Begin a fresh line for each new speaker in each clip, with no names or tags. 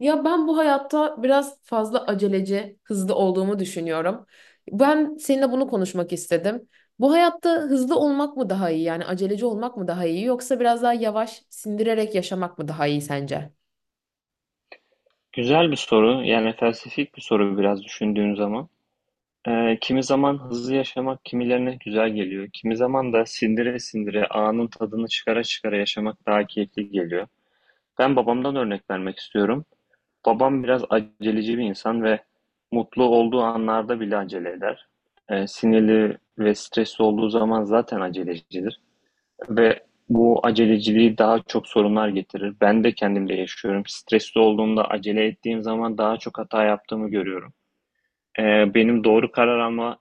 Ya ben bu hayatta biraz fazla aceleci, hızlı olduğumu düşünüyorum. Ben seninle bunu konuşmak istedim. Bu hayatta hızlı olmak mı daha iyi, yani aceleci olmak mı daha iyi yoksa biraz daha yavaş sindirerek yaşamak mı daha iyi sence?
Güzel bir soru. Yani felsefik bir soru biraz düşündüğün zaman. Kimi zaman hızlı yaşamak kimilerine güzel geliyor. Kimi zaman da sindire sindire anın tadını çıkara çıkara yaşamak daha keyifli geliyor. Ben babamdan örnek vermek istiyorum. Babam biraz aceleci bir insan ve mutlu olduğu anlarda bile acele eder. Sinirli ve stresli olduğu zaman zaten acelecidir. Ve bu aceleciliği daha çok sorunlar getirir. Ben de kendimde yaşıyorum. Stresli olduğumda acele ettiğim zaman daha çok hata yaptığımı görüyorum. Benim doğru karar alma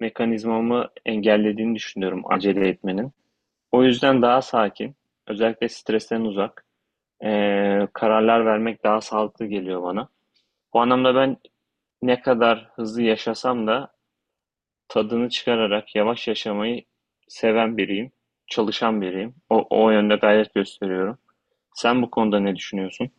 mekanizmamı engellediğini düşünüyorum acele etmenin. O yüzden daha sakin, özellikle stresten uzak kararlar vermek daha sağlıklı geliyor bana. Bu anlamda ben ne kadar hızlı yaşasam da tadını çıkararak yavaş yaşamayı seven biriyim, çalışan biriyim. O yönde gayret gösteriyorum. Sen bu konuda ne düşünüyorsun?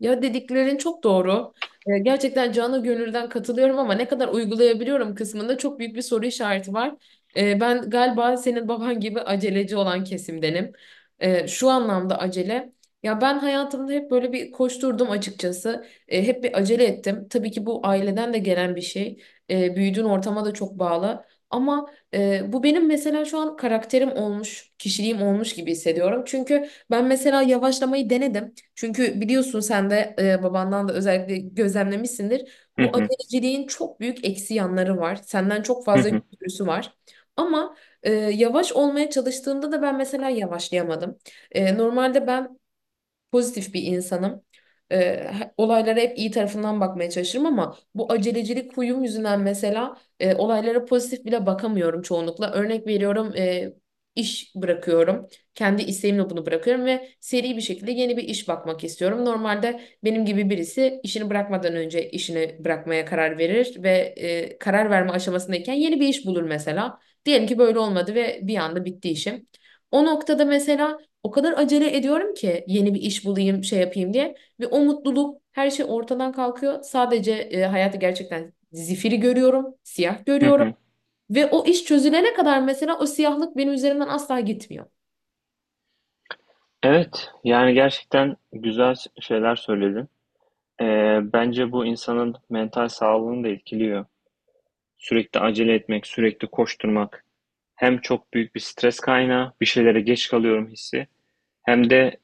Ya, dediklerin çok doğru. Gerçekten canı gönülden katılıyorum ama ne kadar uygulayabiliyorum kısmında çok büyük bir soru işareti var. Ben galiba senin baban gibi aceleci olan kesimdenim. Şu anlamda acele. Ya ben hayatımda hep böyle bir koşturdum açıkçası. Hep bir acele ettim. Tabii ki bu aileden de gelen bir şey. Büyüdüğün ortama da çok bağlı. Ama bu benim mesela şu an karakterim olmuş, kişiliğim olmuş gibi hissediyorum. Çünkü ben mesela yavaşlamayı denedim. Çünkü biliyorsun sen de babandan da özellikle gözlemlemişsindir.
Hı
Bu
hı.
aceleciliğin çok büyük eksi yanları var. Senden çok
Hı
fazla
hı.
götürüsü var. Ama yavaş olmaya çalıştığımda da ben mesela yavaşlayamadım. Normalde ben pozitif bir insanım. Ee, Olaylara hep iyi tarafından bakmaya çalışırım ama bu acelecilik huyum yüzünden mesela olaylara pozitif bile bakamıyorum çoğunlukla. Örnek veriyorum, iş bırakıyorum. Kendi isteğimle bunu bırakıyorum ve seri bir şekilde yeni bir iş bakmak istiyorum. Normalde benim gibi birisi işini bırakmadan önce işini bırakmaya karar verir ve karar verme aşamasındayken yeni bir iş bulur mesela. Diyelim ki böyle olmadı ve bir anda bitti işim. O noktada mesela o kadar acele ediyorum ki yeni bir iş bulayım, şey yapayım diye. Ve o mutluluk, her şey ortadan kalkıyor. Sadece hayatı gerçekten zifiri görüyorum, siyah
Hı
görüyorum.
hı.
Ve o iş çözülene kadar mesela o siyahlık benim üzerimden asla gitmiyor.
Evet, yani gerçekten güzel şeyler söyledin. Bence bu insanın mental sağlığını da etkiliyor. Sürekli acele etmek, sürekli koşturmak hem çok büyük bir stres kaynağı, bir şeylere geç kalıyorum hissi, hem de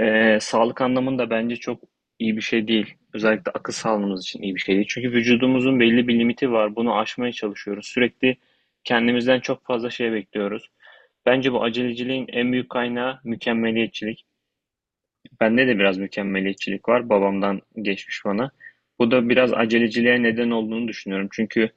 Sağlık anlamında bence çok iyi bir şey değil. Özellikle akıl sağlığımız için iyi bir şey değil. Çünkü vücudumuzun belli bir limiti var. Bunu aşmaya çalışıyoruz. Sürekli kendimizden çok fazla şey bekliyoruz. Bence bu aceleciliğin en büyük kaynağı mükemmeliyetçilik. Bende de biraz mükemmeliyetçilik var. Babamdan geçmiş bana. Bu da biraz aceleciliğe neden olduğunu düşünüyorum. Çünkü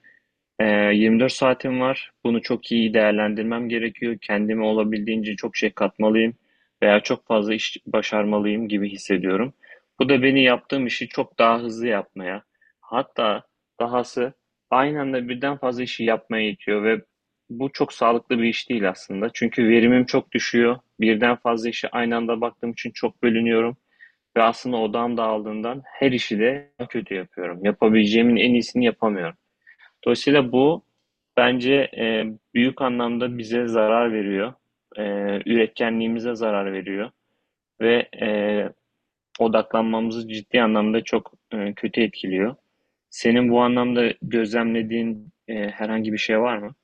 24 saatim var. Bunu çok iyi değerlendirmem gerekiyor. Kendime olabildiğince çok şey katmalıyım veya çok fazla iş başarmalıyım gibi hissediyorum. Bu da beni yaptığım işi çok daha hızlı yapmaya, hatta dahası aynı anda birden fazla işi yapmaya itiyor ve bu çok sağlıklı bir iş değil aslında. Çünkü verimim çok düşüyor. Birden fazla işe aynı anda baktığım için çok bölünüyorum ve aslında odağım dağıldığından her işi de kötü yapıyorum. Yapabileceğimin en iyisini yapamıyorum. Dolayısıyla bu bence büyük anlamda bize zarar veriyor. E, Üretkenliğimize zarar veriyor ve odaklanmamızı ciddi anlamda çok kötü etkiliyor. Senin bu anlamda gözlemlediğin herhangi bir şey var mı?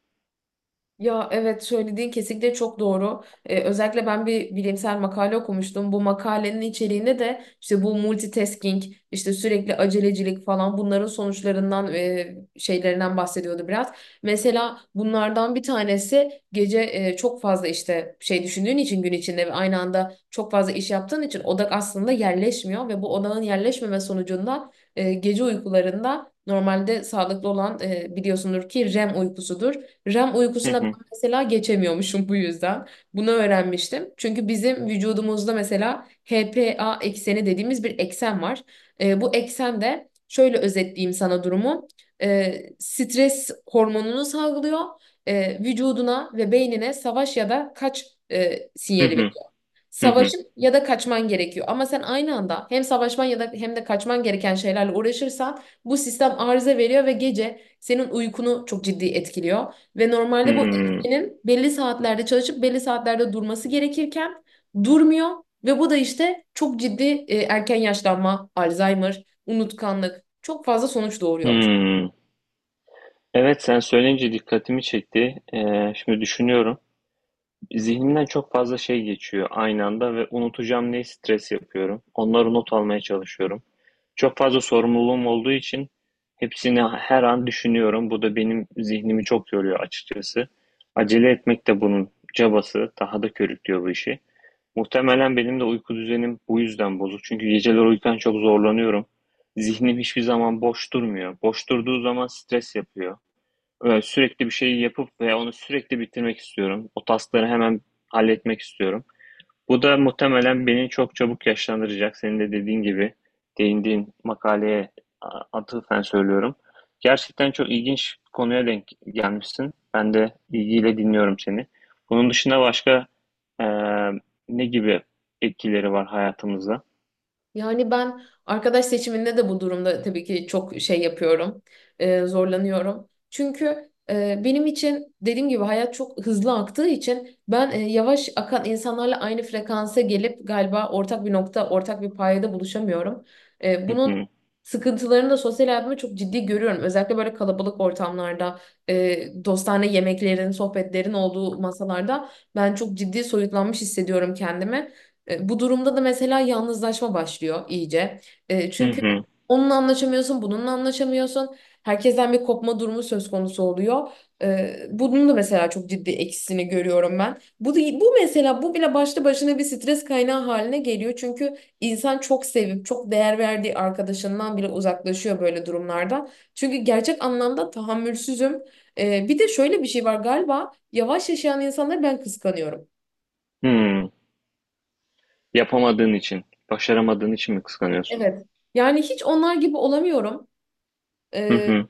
Ya evet, söylediğin kesinlikle çok doğru. Özellikle ben bir bilimsel makale okumuştum. Bu makalenin içeriğinde de işte bu multitasking, işte sürekli acelecilik falan, bunların sonuçlarından ve şeylerinden bahsediyordu biraz. Mesela bunlardan bir tanesi, gece çok fazla işte şey düşündüğün için gün içinde ve aynı anda çok fazla iş yaptığın için odak aslında yerleşmiyor ve bu odağın yerleşmeme sonucunda gece uykularında normalde sağlıklı olan, biliyorsundur ki REM uykusudur. REM
Hı
uykusuna
hı,
mesela geçemiyormuşum bu yüzden. Bunu öğrenmiştim. Çünkü bizim vücudumuzda mesela HPA ekseni dediğimiz bir eksen var. Bu eksen de, şöyle özetleyeyim sana durumu. Stres hormonunu salgılıyor. Vücuduna ve beynine savaş ya da kaç
hı
sinyali.
hı, hı hı,
Savaşıp ya da kaçman gerekiyor. Ama sen aynı anda hem savaşman ya da hem de kaçman gereken şeylerle uğraşırsan bu sistem arıza veriyor ve gece senin uykunu çok ciddi etkiliyor. Ve normalde bu
hı
etkinin belli saatlerde çalışıp belli saatlerde durması gerekirken durmuyor ve bu da işte çok ciddi erken yaşlanma, Alzheimer, unutkanlık, çok fazla sonuç doğuruyormuş.
hı. Evet, sen söyleyince dikkatimi çekti. Şimdi düşünüyorum. Zihnimden çok fazla şey geçiyor aynı anda ve unutacağım diye stres yapıyorum. Onları not almaya çalışıyorum. Çok fazla sorumluluğum olduğu için hepsini her an düşünüyorum. Bu da benim zihnimi çok yoruyor açıkçası. Acele etmek de bunun cabası. Daha da körüklüyor bu işi. Muhtemelen benim de uyku düzenim bu yüzden bozuk. Çünkü geceler uyurken çok zorlanıyorum. Zihnim hiçbir zaman boş durmuyor. Boş durduğu zaman stres yapıyor. Sürekli bir şeyi yapıp ve onu sürekli bitirmek istiyorum. O taskları hemen halletmek istiyorum. Bu da muhtemelen beni çok çabuk yaşlandıracak. Senin de dediğin gibi değindiğin makaleye atıfen söylüyorum. Gerçekten çok ilginç bir konuya denk gelmişsin. Ben de ilgiyle dinliyorum seni. Bunun dışında başka e, ne gibi etkileri var hayatımızda?
Yani ben arkadaş seçiminde de bu durumda tabii ki çok şey yapıyorum, zorlanıyorum. Çünkü benim için dediğim gibi hayat çok hızlı aktığı için ben yavaş akan insanlarla aynı frekansa gelip galiba ortak bir nokta, ortak bir payda buluşamıyorum.
Hı
Bunun
hı,
sıkıntılarını da sosyal hayatımda çok ciddi görüyorum. Özellikle böyle kalabalık ortamlarda, dostane yemeklerin, sohbetlerin olduğu masalarda ben çok ciddi soyutlanmış hissediyorum kendimi. Bu durumda da mesela yalnızlaşma başlıyor iyice.
hı
Çünkü
hı,
onunla anlaşamıyorsun, bununla anlaşamıyorsun. Herkesten bir kopma durumu söz konusu oluyor. Bunun da mesela çok ciddi eksisini görüyorum ben. Bu mesela, bu bile başlı başına bir stres kaynağı haline geliyor. Çünkü insan çok sevip çok değer verdiği arkadaşından bile uzaklaşıyor böyle durumlarda. Çünkü gerçek anlamda tahammülsüzüm. Bir de şöyle bir şey var, galiba yavaş yaşayan insanları ben kıskanıyorum.
hı. Yapamadığın için, başaramadığın için mi kıskanıyorsun?
Evet. Yani hiç onlar gibi olamıyorum.
Hı
Ee,
hı.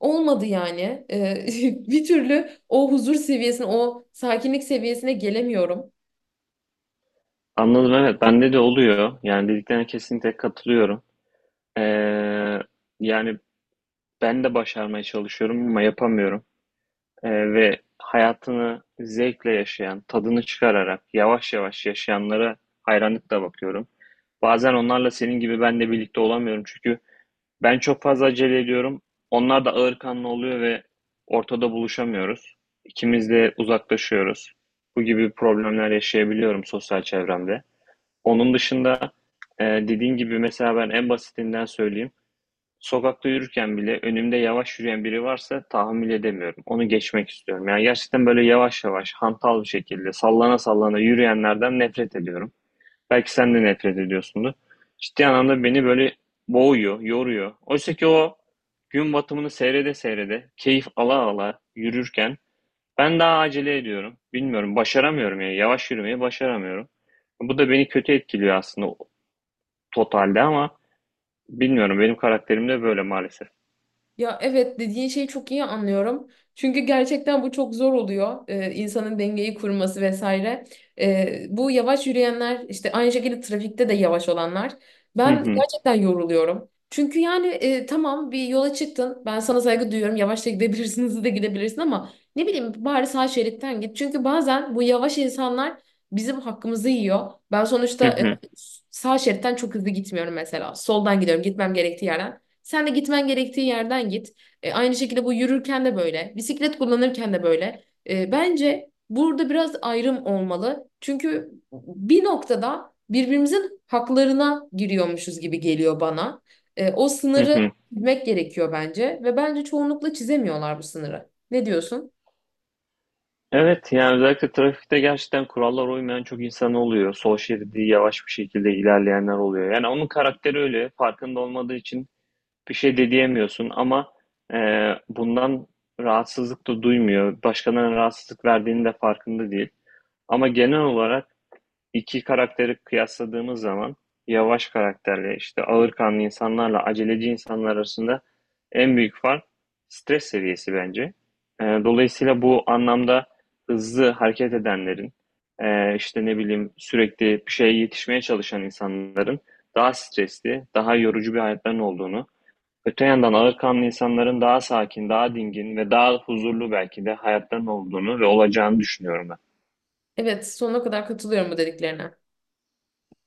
Olmadı yani. Bir türlü o huzur seviyesine, o sakinlik seviyesine gelemiyorum.
Anladım evet bende de oluyor. Yani dediklerine kesinlikle katılıyorum. Ee, yani Ben de başarmaya çalışıyorum ama yapamıyorum. Ve hayatını zevkle yaşayan, tadını çıkararak yavaş yavaş yaşayanlara hayranlıkla bakıyorum. Bazen onlarla senin gibi ben de birlikte olamıyorum çünkü ben çok fazla acele ediyorum. Onlar da ağırkanlı oluyor ve ortada buluşamıyoruz. İkimiz de uzaklaşıyoruz. Bu gibi problemler yaşayabiliyorum sosyal çevremde. Onun dışında dediğin gibi mesela ben en basitinden söyleyeyim. Sokakta yürürken bile önümde yavaş yürüyen biri varsa tahammül edemiyorum. Onu geçmek istiyorum. Yani gerçekten böyle yavaş yavaş, hantal bir şekilde, sallana sallana yürüyenlerden nefret ediyorum. Belki sen de nefret ediyorsundur. Ciddi anlamda beni böyle boğuyor, yoruyor. Oysa ki o gün batımını seyrede seyrede, keyif ala ala yürürken ben daha acele ediyorum. Bilmiyorum, başaramıyorum yani. Yavaş yürümeyi başaramıyorum. Bu da beni kötü etkiliyor aslında totalde ama bilmiyorum benim karakterim de böyle maalesef.
Ya evet, dediğin şeyi çok iyi anlıyorum. Çünkü gerçekten bu çok zor oluyor. İnsanın dengeyi kurması vesaire. Bu yavaş yürüyenler, işte aynı şekilde trafikte de yavaş olanlar.
Hı
Ben
hı.
gerçekten yoruluyorum. Çünkü yani tamam, bir yola çıktın. Ben sana saygı duyuyorum. Yavaş da gidebilirsin, hızlı da gidebilirsin ama ne bileyim, bari sağ şeritten git. Çünkü bazen bu yavaş insanlar bizim hakkımızı yiyor. Ben
Hı
sonuçta
hı,
sağ şeritten çok hızlı gitmiyorum mesela. Soldan gidiyorum, gitmem gerektiği yerden. Sen de gitmen gerektiği yerden git. Aynı şekilde bu yürürken de böyle, bisiklet kullanırken de böyle. Bence burada biraz ayrım olmalı. Çünkü bir noktada birbirimizin haklarına giriyormuşuz gibi geliyor bana. O
hı
sınırı
hı.
çizmek gerekiyor bence ve bence çoğunlukla çizemiyorlar bu sınırı. Ne diyorsun?
Evet yani özellikle trafikte gerçekten kurallara uymayan çok insan oluyor. Sol şeridi yavaş bir şekilde ilerleyenler oluyor. Yani onun karakteri öyle farkında olmadığı için bir şey de diyemiyorsun ama e, bundan rahatsızlık da duymuyor. Başkalarına rahatsızlık verdiğinin de farkında değil. Ama genel olarak iki karakteri kıyasladığımız zaman yavaş karakterle işte ağırkanlı insanlarla aceleci insanlar arasında en büyük fark stres seviyesi bence. Dolayısıyla bu anlamda hızlı hareket edenlerin işte ne bileyim sürekli bir şeye yetişmeye çalışan insanların daha stresli, daha yorucu bir hayatların olduğunu, öte yandan ağırkanlı insanların daha sakin, daha dingin ve daha huzurlu belki de hayatların olduğunu ve olacağını düşünüyorum ben.
Evet, sonuna kadar katılıyorum bu dediklerine.